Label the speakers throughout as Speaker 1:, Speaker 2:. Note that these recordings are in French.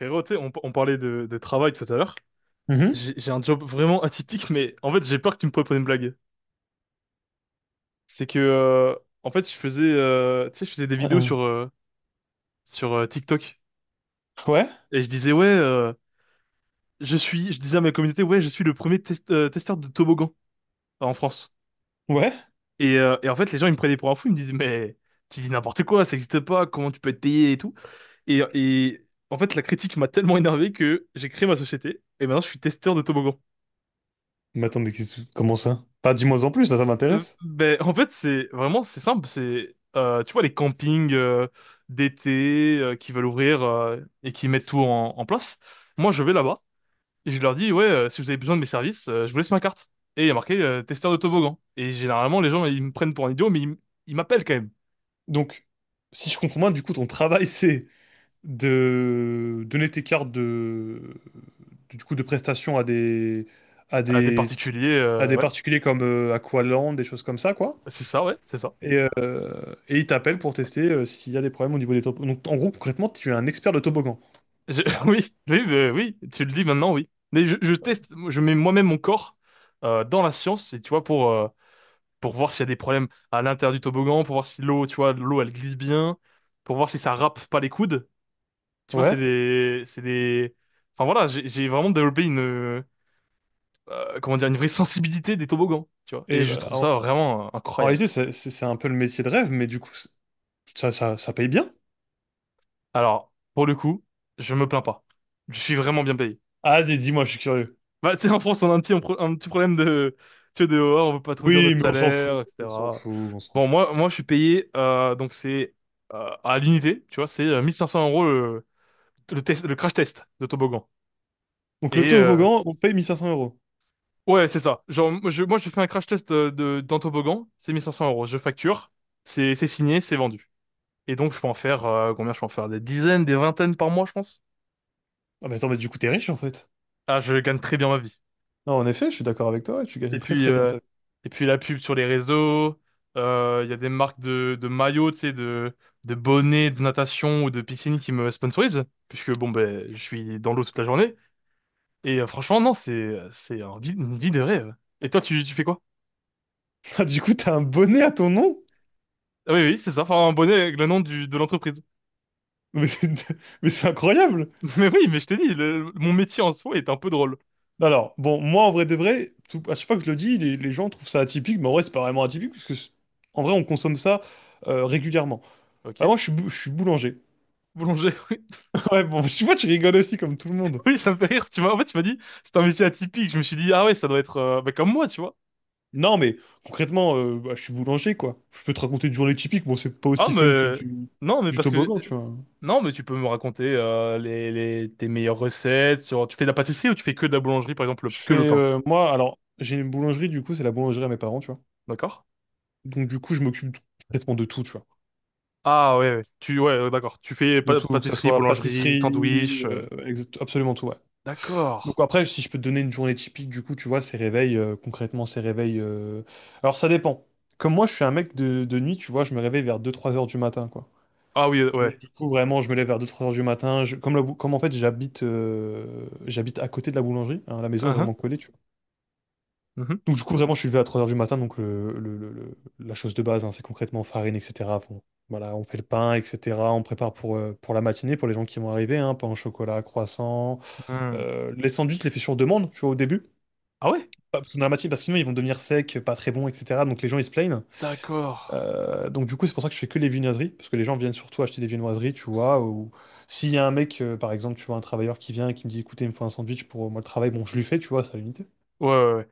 Speaker 1: Frérot, tu sais, on parlait de travail tout à l'heure.
Speaker 2: Mhm.
Speaker 1: J'ai un job vraiment atypique, mais en fait, j'ai peur que tu me prépares une blague. C'est que, en fait, je faisais, tu sais, je faisais des
Speaker 2: Hein,
Speaker 1: vidéos
Speaker 2: hein.
Speaker 1: sur TikTok.
Speaker 2: Ouais,
Speaker 1: Et je disais, ouais, je disais à ma communauté, ouais, je suis le premier testeur de toboggan en France.
Speaker 2: ouais.
Speaker 1: Et en fait, les gens, ils me prenaient pour un fou, ils me disaient, mais tu dis n'importe quoi, ça n'existe pas, comment tu peux être payé et tout. Et en fait, la critique m'a tellement énervé que j'ai créé ma société, et maintenant, je suis testeur de toboggan.
Speaker 2: Mais attends, comment ça? Pas Dis-moi en plus, ça m'intéresse.
Speaker 1: En fait, c'est simple. C'est tu vois les campings d'été qui veulent ouvrir et qui mettent tout en place. Moi, je vais là-bas et je leur dis ouais, si vous avez besoin de mes services, je vous laisse ma carte. Et il y a marqué testeur de toboggan. Et généralement, les gens ils me prennent pour un idiot, mais ils m'appellent quand même.
Speaker 2: Donc, si je comprends bien, du coup, ton travail, c'est de donner tes cartes de, du coup, de prestations à
Speaker 1: Des
Speaker 2: des,
Speaker 1: particuliers,
Speaker 2: à des
Speaker 1: ouais,
Speaker 2: particuliers comme Aqualand, des choses comme ça, quoi.
Speaker 1: c'est ça, ouais, c'est ça.
Speaker 2: Et ils t'appellent pour tester s'il y a des problèmes au niveau des toboggans. Donc, en gros, concrètement, tu es un expert de toboggan.
Speaker 1: Je- oui, oui, oui, tu le dis maintenant, oui. Mais je teste, je mets moi-même mon corps dans la science, et tu vois pour voir s'il y a des problèmes à l'intérieur du toboggan, pour voir si l'eau, tu vois, l'eau elle glisse bien, pour voir si ça râpe pas les coudes. Tu vois,
Speaker 2: Ouais.
Speaker 1: c'est des, voilà, j'ai vraiment développé une, comment dire, une vraie sensibilité des toboggans, tu vois. Et
Speaker 2: Et
Speaker 1: je
Speaker 2: bah,
Speaker 1: trouve
Speaker 2: en,
Speaker 1: ça vraiment
Speaker 2: en
Speaker 1: incroyable.
Speaker 2: réalité, c'est un peu le métier de rêve, mais du coup, ça paye bien.
Speaker 1: Alors, pour le coup, je me plains pas. Je suis vraiment bien payé.
Speaker 2: Ah, dis-moi, je suis curieux.
Speaker 1: Bah, tu sais, en France, on a un petit problème de, tu vois, de, oh, on veut pas trop dire
Speaker 2: Oui,
Speaker 1: notre
Speaker 2: mais on s'en
Speaker 1: salaire,
Speaker 2: fout, on s'en
Speaker 1: etc.
Speaker 2: fout, on s'en
Speaker 1: Bon,
Speaker 2: fout.
Speaker 1: moi, je suis payé, donc c'est à l'unité, tu vois, c'est 1 500 euros le test, le crash test de toboggan.
Speaker 2: Donc le
Speaker 1: Et
Speaker 2: toboggan, on paye 1500 euros.
Speaker 1: ouais, c'est ça. Genre, moi, je fais un crash test d'un toboggan, c'est 1 500 euros. Je facture, c'est signé, c'est vendu. Et donc, je peux en faire, combien je peux en faire? Des dizaines, des vingtaines par mois, je pense.
Speaker 2: Ah mais attends, mais du coup t'es riche en fait.
Speaker 1: Ah, je gagne très bien ma vie.
Speaker 2: Non, en effet, je suis d'accord avec toi, ouais, tu
Speaker 1: Et
Speaker 2: gagnes très
Speaker 1: puis,
Speaker 2: très bien
Speaker 1: euh,
Speaker 2: ta vie.
Speaker 1: et puis la pub sur les réseaux, il y a des marques de maillots, tu sais, de bonnets de natation ou de piscine qui me sponsorisent, puisque bon, ben, je suis dans l'eau toute la journée. Et franchement, non, c'est une vie de rêve. Et toi, tu fais quoi?
Speaker 2: Ah, du coup t'as un bonnet à ton nom?
Speaker 1: Ah oui, oui, c'est ça. Enfin, un bonnet avec le nom de l'entreprise.
Speaker 2: Mais c'est mais c'est incroyable!
Speaker 1: Mais oui, mais je t'ai dit, mon métier en soi est un peu drôle.
Speaker 2: Alors, bon, moi en vrai de vrai, à chaque fois que je le dis, les gens trouvent ça atypique, mais en vrai c'est pas vraiment atypique, parce que en vrai on consomme ça régulièrement. Ah, moi
Speaker 1: Ok.
Speaker 2: je suis boulanger.
Speaker 1: Boulanger, oui.
Speaker 2: Ouais, bon, tu vois, tu rigoles aussi comme tout le monde.
Speaker 1: Oui, ça me fait rire. Tu vois, en fait, tu m'as dit, c'est un métier atypique. Je me suis dit, ah ouais, ça doit être bah, comme moi, tu vois.
Speaker 2: Non, mais concrètement, bah, je suis boulanger, quoi. Je peux te raconter une journée typique. Bon, c'est pas
Speaker 1: Ah,
Speaker 2: aussi fun que
Speaker 1: mais...
Speaker 2: du,
Speaker 1: Non, mais
Speaker 2: du
Speaker 1: parce que...
Speaker 2: toboggan, tu vois.
Speaker 1: Non, mais tu peux me raconter tes meilleures recettes sur... Tu fais de la pâtisserie ou tu fais que de la boulangerie, par exemple, que le pain?
Speaker 2: Moi, alors, j'ai une boulangerie, du coup, c'est la boulangerie à mes parents, tu vois.
Speaker 1: D'accord?
Speaker 2: Donc, du coup, je m'occupe complètement de tout, tu vois.
Speaker 1: Ah ouais, ouais. Ouais, d'accord. Tu fais
Speaker 2: De tout, que ça
Speaker 1: pâtisserie,
Speaker 2: soit
Speaker 1: boulangerie,
Speaker 2: pâtisserie,
Speaker 1: sandwich...
Speaker 2: absolument tout, ouais.
Speaker 1: D'accord.
Speaker 2: Donc, après, si je peux te donner une journée typique, du coup, tu vois, ces réveils, concrètement, ces réveils. Alors, ça dépend. Comme moi, je suis un mec de nuit, tu vois, je me réveille vers deux-trois heures du matin, quoi.
Speaker 1: Ah oui, ouais.
Speaker 2: Donc, du coup, vraiment, je me lève vers deux trois heures du matin. Comme en fait, j'habite à côté de la boulangerie. Hein, la maison est
Speaker 1: Uhum.
Speaker 2: vraiment collée, tu vois.
Speaker 1: Mhm.
Speaker 2: Donc, du coup, vraiment, je suis levé à 3 heures du matin. Donc, la chose de base, hein, c'est concrètement farine, etc. Bon, voilà, on fait le pain, etc. On prépare pour la matinée, pour les gens qui vont arriver. Hein, pain au chocolat, croissant.
Speaker 1: Hmm.
Speaker 2: Les sandwichs, je les fais sur demande, tu vois, au début.
Speaker 1: Ah ouais?
Speaker 2: Parce que dans la matinée, parce que sinon, ils vont devenir secs, pas très bons, etc. Donc, les gens, ils se plaignent.
Speaker 1: D'accord.
Speaker 2: Donc du coup, c'est pour ça que je fais que les viennoiseries, parce que les gens viennent surtout acheter des viennoiseries, tu vois, ou s'il y a un mec, par exemple, tu vois, un travailleur qui vient et qui me dit, écoutez, il me faut un sandwich pour moi le travail, bon, je lui fais, tu vois, ça l'unité.
Speaker 1: Ouais, ouais, ouais.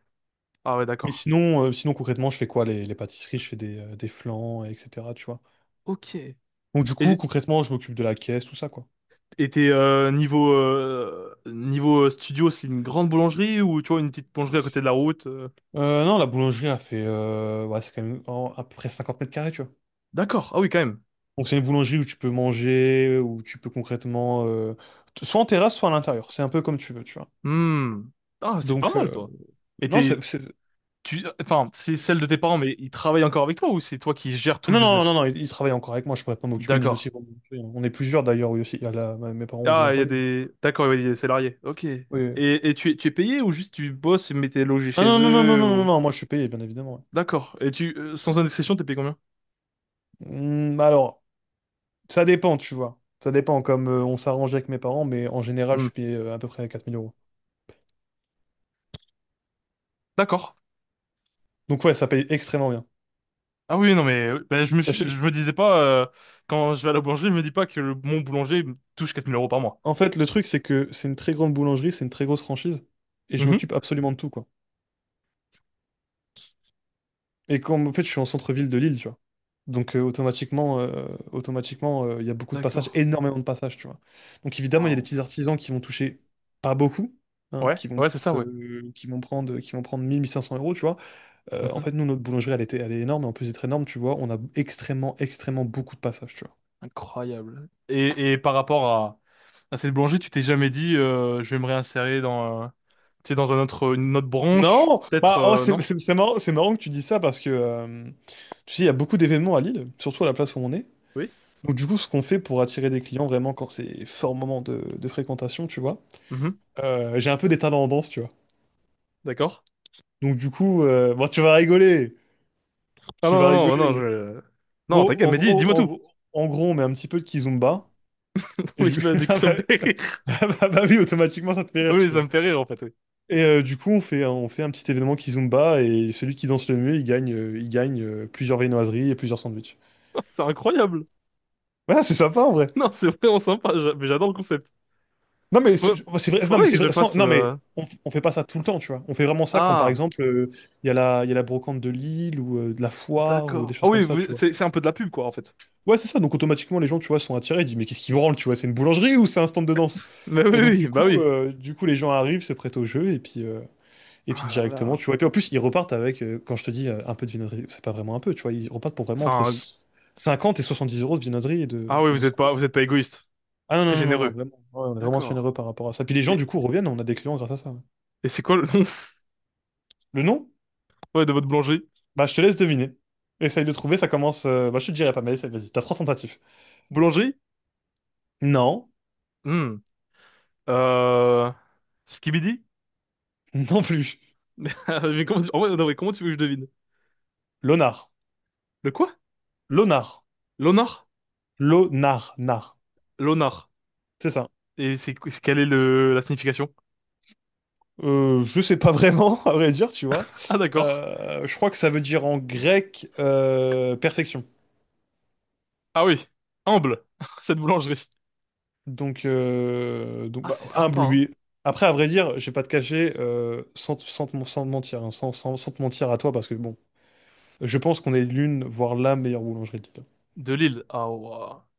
Speaker 1: Ah ouais,
Speaker 2: Mais
Speaker 1: d'accord.
Speaker 2: sinon concrètement, je fais quoi? Les pâtisseries, je fais des flans, etc., tu vois.
Speaker 1: Ok.
Speaker 2: Donc du coup,
Speaker 1: Et
Speaker 2: concrètement, je m'occupe de la caisse, tout ça, quoi.
Speaker 1: et t'es niveau studio, c'est une grande boulangerie ou tu vois une petite boulangerie à côté de la route?
Speaker 2: Non, la boulangerie a fait, ouais, c'est quand même à peu près 50 m², tu vois.
Speaker 1: D'accord. Ah oui, quand même.
Speaker 2: Donc c'est une boulangerie où tu peux manger, où tu peux concrètement, soit en terrasse, soit à l'intérieur. C'est un peu comme tu veux, tu vois.
Speaker 1: Hmm. Ah, c'est pas
Speaker 2: Donc,
Speaker 1: mal, toi. Et
Speaker 2: non, c'est...
Speaker 1: t'es tu enfin, c'est celle de tes parents, mais ils travaillent encore avec toi ou c'est toi qui gères tout le
Speaker 2: Non, non, non,
Speaker 1: business?
Speaker 2: non, il travaille encore avec moi, je pourrais pas m'occuper ni
Speaker 1: D'accord.
Speaker 2: aussi. Hein. On est plusieurs d'ailleurs, oui aussi. Il y a mes parents ont des
Speaker 1: Ah, il y a
Speaker 2: employés.
Speaker 1: des d'accord, ouais, il y a des salariés. Ok. Et
Speaker 2: Oui. Oui.
Speaker 1: et tu es tu es payé ou juste tu bosses mais t'es logé
Speaker 2: Ah non,
Speaker 1: chez
Speaker 2: non, non, non,
Speaker 1: eux
Speaker 2: non, non,
Speaker 1: ou
Speaker 2: non, moi je suis payé, bien évidemment.
Speaker 1: d'accord. Et tu sans indiscrétion, t'es payé combien?
Speaker 2: Ouais. Hmm, alors, ça dépend, tu vois. Ça dépend, comme on s'arrange avec mes parents, mais en général, je
Speaker 1: Hmm.
Speaker 2: suis payé à peu près 4 000 euros.
Speaker 1: D'accord.
Speaker 2: Donc ouais, ça paye extrêmement bien.
Speaker 1: Ah oui, non, mais ben,
Speaker 2: Je-
Speaker 1: je
Speaker 2: je-
Speaker 1: me disais pas, quand je vais à la boulangerie, je me dis pas que mon boulanger me touche 4 000 euros par mois.
Speaker 2: En fait, le truc, c'est que c'est une très grande boulangerie, c'est une très grosse franchise, et je
Speaker 1: Mhm.
Speaker 2: m'occupe absolument de tout, quoi. Et comme, en fait, je suis en centre-ville de Lille, tu vois. Donc, automatiquement, il y a beaucoup de
Speaker 1: D'accord.
Speaker 2: passages, énormément de passages, tu vois. Donc, évidemment, il y a des
Speaker 1: Wow.
Speaker 2: petits artisans qui vont toucher pas beaucoup, hein,
Speaker 1: Ouais, ouais, c'est ça, ouais.
Speaker 2: qui vont prendre 1 500 euros, tu vois. En
Speaker 1: Mhm.
Speaker 2: fait, nous, notre boulangerie, elle est énorme, et en plus d'être énorme, tu vois, on a extrêmement, extrêmement beaucoup de passages, tu vois.
Speaker 1: Incroyable. Et, à cette boulangerie, tu t'es jamais dit, je vais me réinsérer dans, tu sais, une autre branche,
Speaker 2: Non!
Speaker 1: peut-être,
Speaker 2: Bah, oh, c'est
Speaker 1: non?
Speaker 2: c'est- c'est marrant, c'est marrant que tu dis ça parce que, tu sais, il y a beaucoup d'événements à Lille, surtout à la place où on est.
Speaker 1: Oui?
Speaker 2: Donc du coup, ce qu'on fait pour attirer des clients vraiment quand c'est fort moment de fréquentation, tu vois,
Speaker 1: Mhm.
Speaker 2: j'ai un peu des talents en danse, tu vois.
Speaker 1: D'accord.
Speaker 2: Donc du coup, bon, tu vas rigoler,
Speaker 1: Ah
Speaker 2: tu
Speaker 1: non,
Speaker 2: vas
Speaker 1: non, non, non,
Speaker 2: rigoler.
Speaker 1: je... Non,
Speaker 2: Bon,
Speaker 1: t'inquiète,
Speaker 2: en
Speaker 1: mais
Speaker 2: gros,
Speaker 1: dis-moi
Speaker 2: en,
Speaker 1: tout.
Speaker 2: gros, en gros, on met un petit peu de kizomba. Et
Speaker 1: Oui,
Speaker 2: du...
Speaker 1: bah, du coup,
Speaker 2: Ah
Speaker 1: ça me
Speaker 2: bah,
Speaker 1: fait rire.
Speaker 2: Bah oui, automatiquement, ça te fait rire,
Speaker 1: Oui,
Speaker 2: tu
Speaker 1: ça
Speaker 2: vois.
Speaker 1: me fait rire, en fait, oui.
Speaker 2: Et du coup, on fait un petit événement kizomba et celui qui danse le mieux, il gagne plusieurs viennoiseries et plusieurs sandwichs.
Speaker 1: C'est incroyable.
Speaker 2: Ouais, c'est sympa en vrai.
Speaker 1: Non, c'est vraiment sympa, mais j'adore le concept.
Speaker 2: Non mais c'est
Speaker 1: Faut-
Speaker 2: c'est vrai, non mais
Speaker 1: Faudrait que
Speaker 2: c'est
Speaker 1: je le
Speaker 2: vrai,
Speaker 1: fasse.
Speaker 2: non mais on fait pas ça tout le temps, tu vois. On fait vraiment ça quand par
Speaker 1: Ah,
Speaker 2: exemple il y a la brocante de Lille ou de la foire ou des
Speaker 1: d'accord. Ah
Speaker 2: choses comme
Speaker 1: oui,
Speaker 2: ça, tu vois.
Speaker 1: c'est un peu de la pub quoi en fait.
Speaker 2: Ouais, c'est ça. Donc automatiquement les gens, tu vois, sont attirés. Ils disent mais qu'est-ce qui branle, tu vois, c'est une boulangerie ou c'est un stand de danse?
Speaker 1: Mais oui,
Speaker 2: Et
Speaker 1: oui,
Speaker 2: donc
Speaker 1: oui,
Speaker 2: du
Speaker 1: bah
Speaker 2: coup,
Speaker 1: oui.
Speaker 2: euh, du coup les gens arrivent, se prêtent au jeu et puis
Speaker 1: Ah là
Speaker 2: directement,
Speaker 1: là.
Speaker 2: tu vois. Et puis en plus ils repartent avec, quand je te dis un peu de viennoiserie, c'est pas vraiment un peu, tu vois. Ils repartent pour vraiment
Speaker 1: C'est
Speaker 2: entre
Speaker 1: un.
Speaker 2: 50 et 70 euros de viennoiserie et de
Speaker 1: Ah oui,
Speaker 2: et de sandwich.
Speaker 1: vous êtes pas égoïste.
Speaker 2: Ah non, non,
Speaker 1: Très
Speaker 2: non, non, non,
Speaker 1: généreux.
Speaker 2: vraiment. Ouais, on est vraiment
Speaker 1: D'accord.
Speaker 2: généreux par rapport à ça. Puis les gens,
Speaker 1: Et,
Speaker 2: du coup, reviennent, on a des clients grâce à ça.
Speaker 1: et c'est quoi le nom
Speaker 2: Le nom?
Speaker 1: ouais, de votre boulangerie?
Speaker 2: Bah, je te laisse deviner. Essaye de trouver, ça commence. Bah, je te dirai pas, mais essaye, vas-y, t'as trois tentatives.
Speaker 1: Boulangerie?
Speaker 2: Non,
Speaker 1: Hmm. Euh... Skibidi?
Speaker 2: non plus.
Speaker 1: Mais comment tu... en vrai, non, mais comment tu veux que je devine?
Speaker 2: Lonar.
Speaker 1: Le quoi?
Speaker 2: Lonar.
Speaker 1: L'honneur?
Speaker 2: Lonar. Nar.
Speaker 1: L'honneur.
Speaker 2: C'est ça.
Speaker 1: Et quelle est le... la signification?
Speaker 2: Je sais pas vraiment, à vrai dire, tu vois.
Speaker 1: Ah d'accord.
Speaker 2: Je crois que ça veut dire en grec perfection.
Speaker 1: Ah oui. Humble. Cette boulangerie.
Speaker 2: Donc
Speaker 1: Ah
Speaker 2: bah,
Speaker 1: c'est
Speaker 2: un
Speaker 1: sympa, hein.
Speaker 2: bleu. Après, à vrai dire, je vais pas te cacher, sans te mentir, hein, sans te mentir à toi, parce que bon, je pense qu'on est l'une, voire la meilleure boulangerie de
Speaker 1: De Lille. Ah, ouais,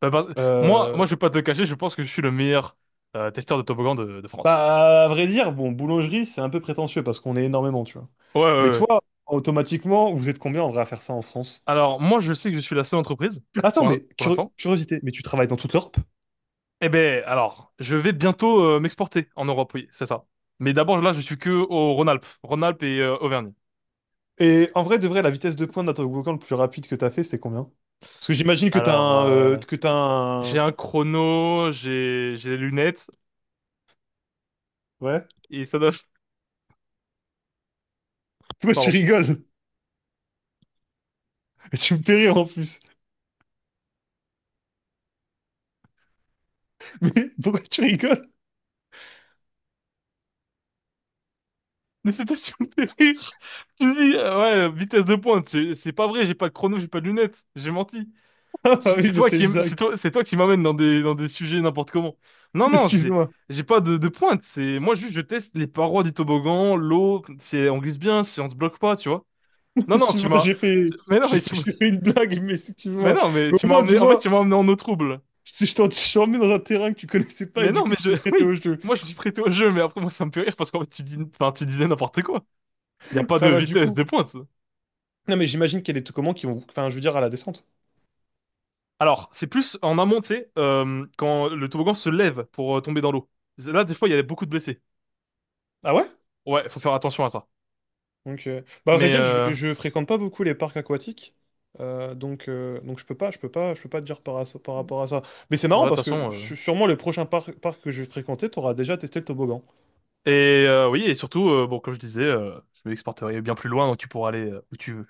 Speaker 1: bah, bah, moi,
Speaker 2: Lille.
Speaker 1: moi, je vais pas te le cacher, je pense que je suis le meilleur testeur de toboggan de France.
Speaker 2: Bah, à vrai dire, bon, boulangerie, c'est un peu prétentieux parce qu'on est énormément, tu vois.
Speaker 1: Ouais, ouais,
Speaker 2: Mais
Speaker 1: ouais.
Speaker 2: toi, automatiquement, vous êtes combien en vrai à faire ça en France?
Speaker 1: Alors, moi, je sais que je suis la seule entreprise,
Speaker 2: Attends, mais
Speaker 1: pour l'instant.
Speaker 2: curiosité, mais tu travailles dans toute l'Europe?
Speaker 1: Eh ben, alors, je vais bientôt m'exporter en Europe, oui, c'est ça. Mais d'abord, là, je suis que au Rhône-Alpes. Rhône-Alpes et Auvergne.
Speaker 2: Et en vrai, de vrai, la vitesse de pointe d'un toboggan le plus rapide que t'as fait, c'était combien? Parce que j'imagine
Speaker 1: Alors,
Speaker 2: que t'as
Speaker 1: j'ai
Speaker 2: un...
Speaker 1: un chrono, j'ai des lunettes,
Speaker 2: Ouais?
Speaker 1: et ça doit...
Speaker 2: Pourquoi tu
Speaker 1: Pardon.
Speaker 2: rigoles? Tu me fais rire en plus. Mais pourquoi tu rigoles?
Speaker 1: Mais c'était sur mes rire. Tu me dis, ouais, vitesse de pointe, c'est pas vrai, j'ai pas de chrono, j'ai pas de lunettes, j'ai menti.
Speaker 2: Ah bah oui,
Speaker 1: C'est
Speaker 2: mais
Speaker 1: toi
Speaker 2: c'est
Speaker 1: qui,
Speaker 2: une blague.
Speaker 1: c'est toi qui m'amène dans des sujets n'importe comment. Non, non,
Speaker 2: Excuse-moi.
Speaker 1: j'ai pas de pointe. C'est, moi juste, je teste les parois du toboggan, l'eau, si on glisse bien, si on se bloque pas, tu vois. Non, non, tu
Speaker 2: Excuse-moi,
Speaker 1: m'as,
Speaker 2: j'ai fait...
Speaker 1: mais non,
Speaker 2: J'ai
Speaker 1: mais
Speaker 2: fait...
Speaker 1: tu, m'as-
Speaker 2: j'ai fait une blague, mais
Speaker 1: mais
Speaker 2: excuse-moi.
Speaker 1: non, mais
Speaker 2: Mais
Speaker 1: tu
Speaker 2: au
Speaker 1: m'as
Speaker 2: moins, tu
Speaker 1: emmené, en fait,
Speaker 2: vois...
Speaker 1: tu m'as emmené en eau trouble.
Speaker 2: Je t'en mis dans un terrain que tu connaissais pas et
Speaker 1: Mais
Speaker 2: du
Speaker 1: non,
Speaker 2: coup
Speaker 1: mais
Speaker 2: tu
Speaker 1: je,
Speaker 2: t'es prêté
Speaker 1: oui,
Speaker 2: au jeu.
Speaker 1: moi je suis prêté au jeu, mais après moi ça me fait rire parce qu'en fait tu disais n'importe quoi. Il y a pas de
Speaker 2: Enfin bah du
Speaker 1: vitesse
Speaker 2: coup.
Speaker 1: de pointe.
Speaker 2: Non mais j'imagine qu'il y a des tocommans qui vont. Enfin je veux dire à la descente.
Speaker 1: Alors, c'est plus en amont, tu sais, quand le toboggan se lève pour tomber dans l'eau. Là, des fois, il y a beaucoup de blessés.
Speaker 2: Ah ouais?
Speaker 1: Ouais, faut faire attention à ça.
Speaker 2: Donc bah à vrai
Speaker 1: Mais
Speaker 2: dire je,
Speaker 1: euh,
Speaker 2: je fréquente pas beaucoup les parcs aquatiques. Donc je peux pas je peux pas je peux pas te dire par rapport à ça. Mais c'est
Speaker 1: ouais, de
Speaker 2: marrant
Speaker 1: toute
Speaker 2: parce que
Speaker 1: façon.
Speaker 2: sûrement le prochain parc que je vais fréquenter t'auras déjà testé le toboggan.
Speaker 1: Et oui, et surtout, bon, comme je disais, je m'exporterai bien plus loin, donc tu pourras aller où tu veux.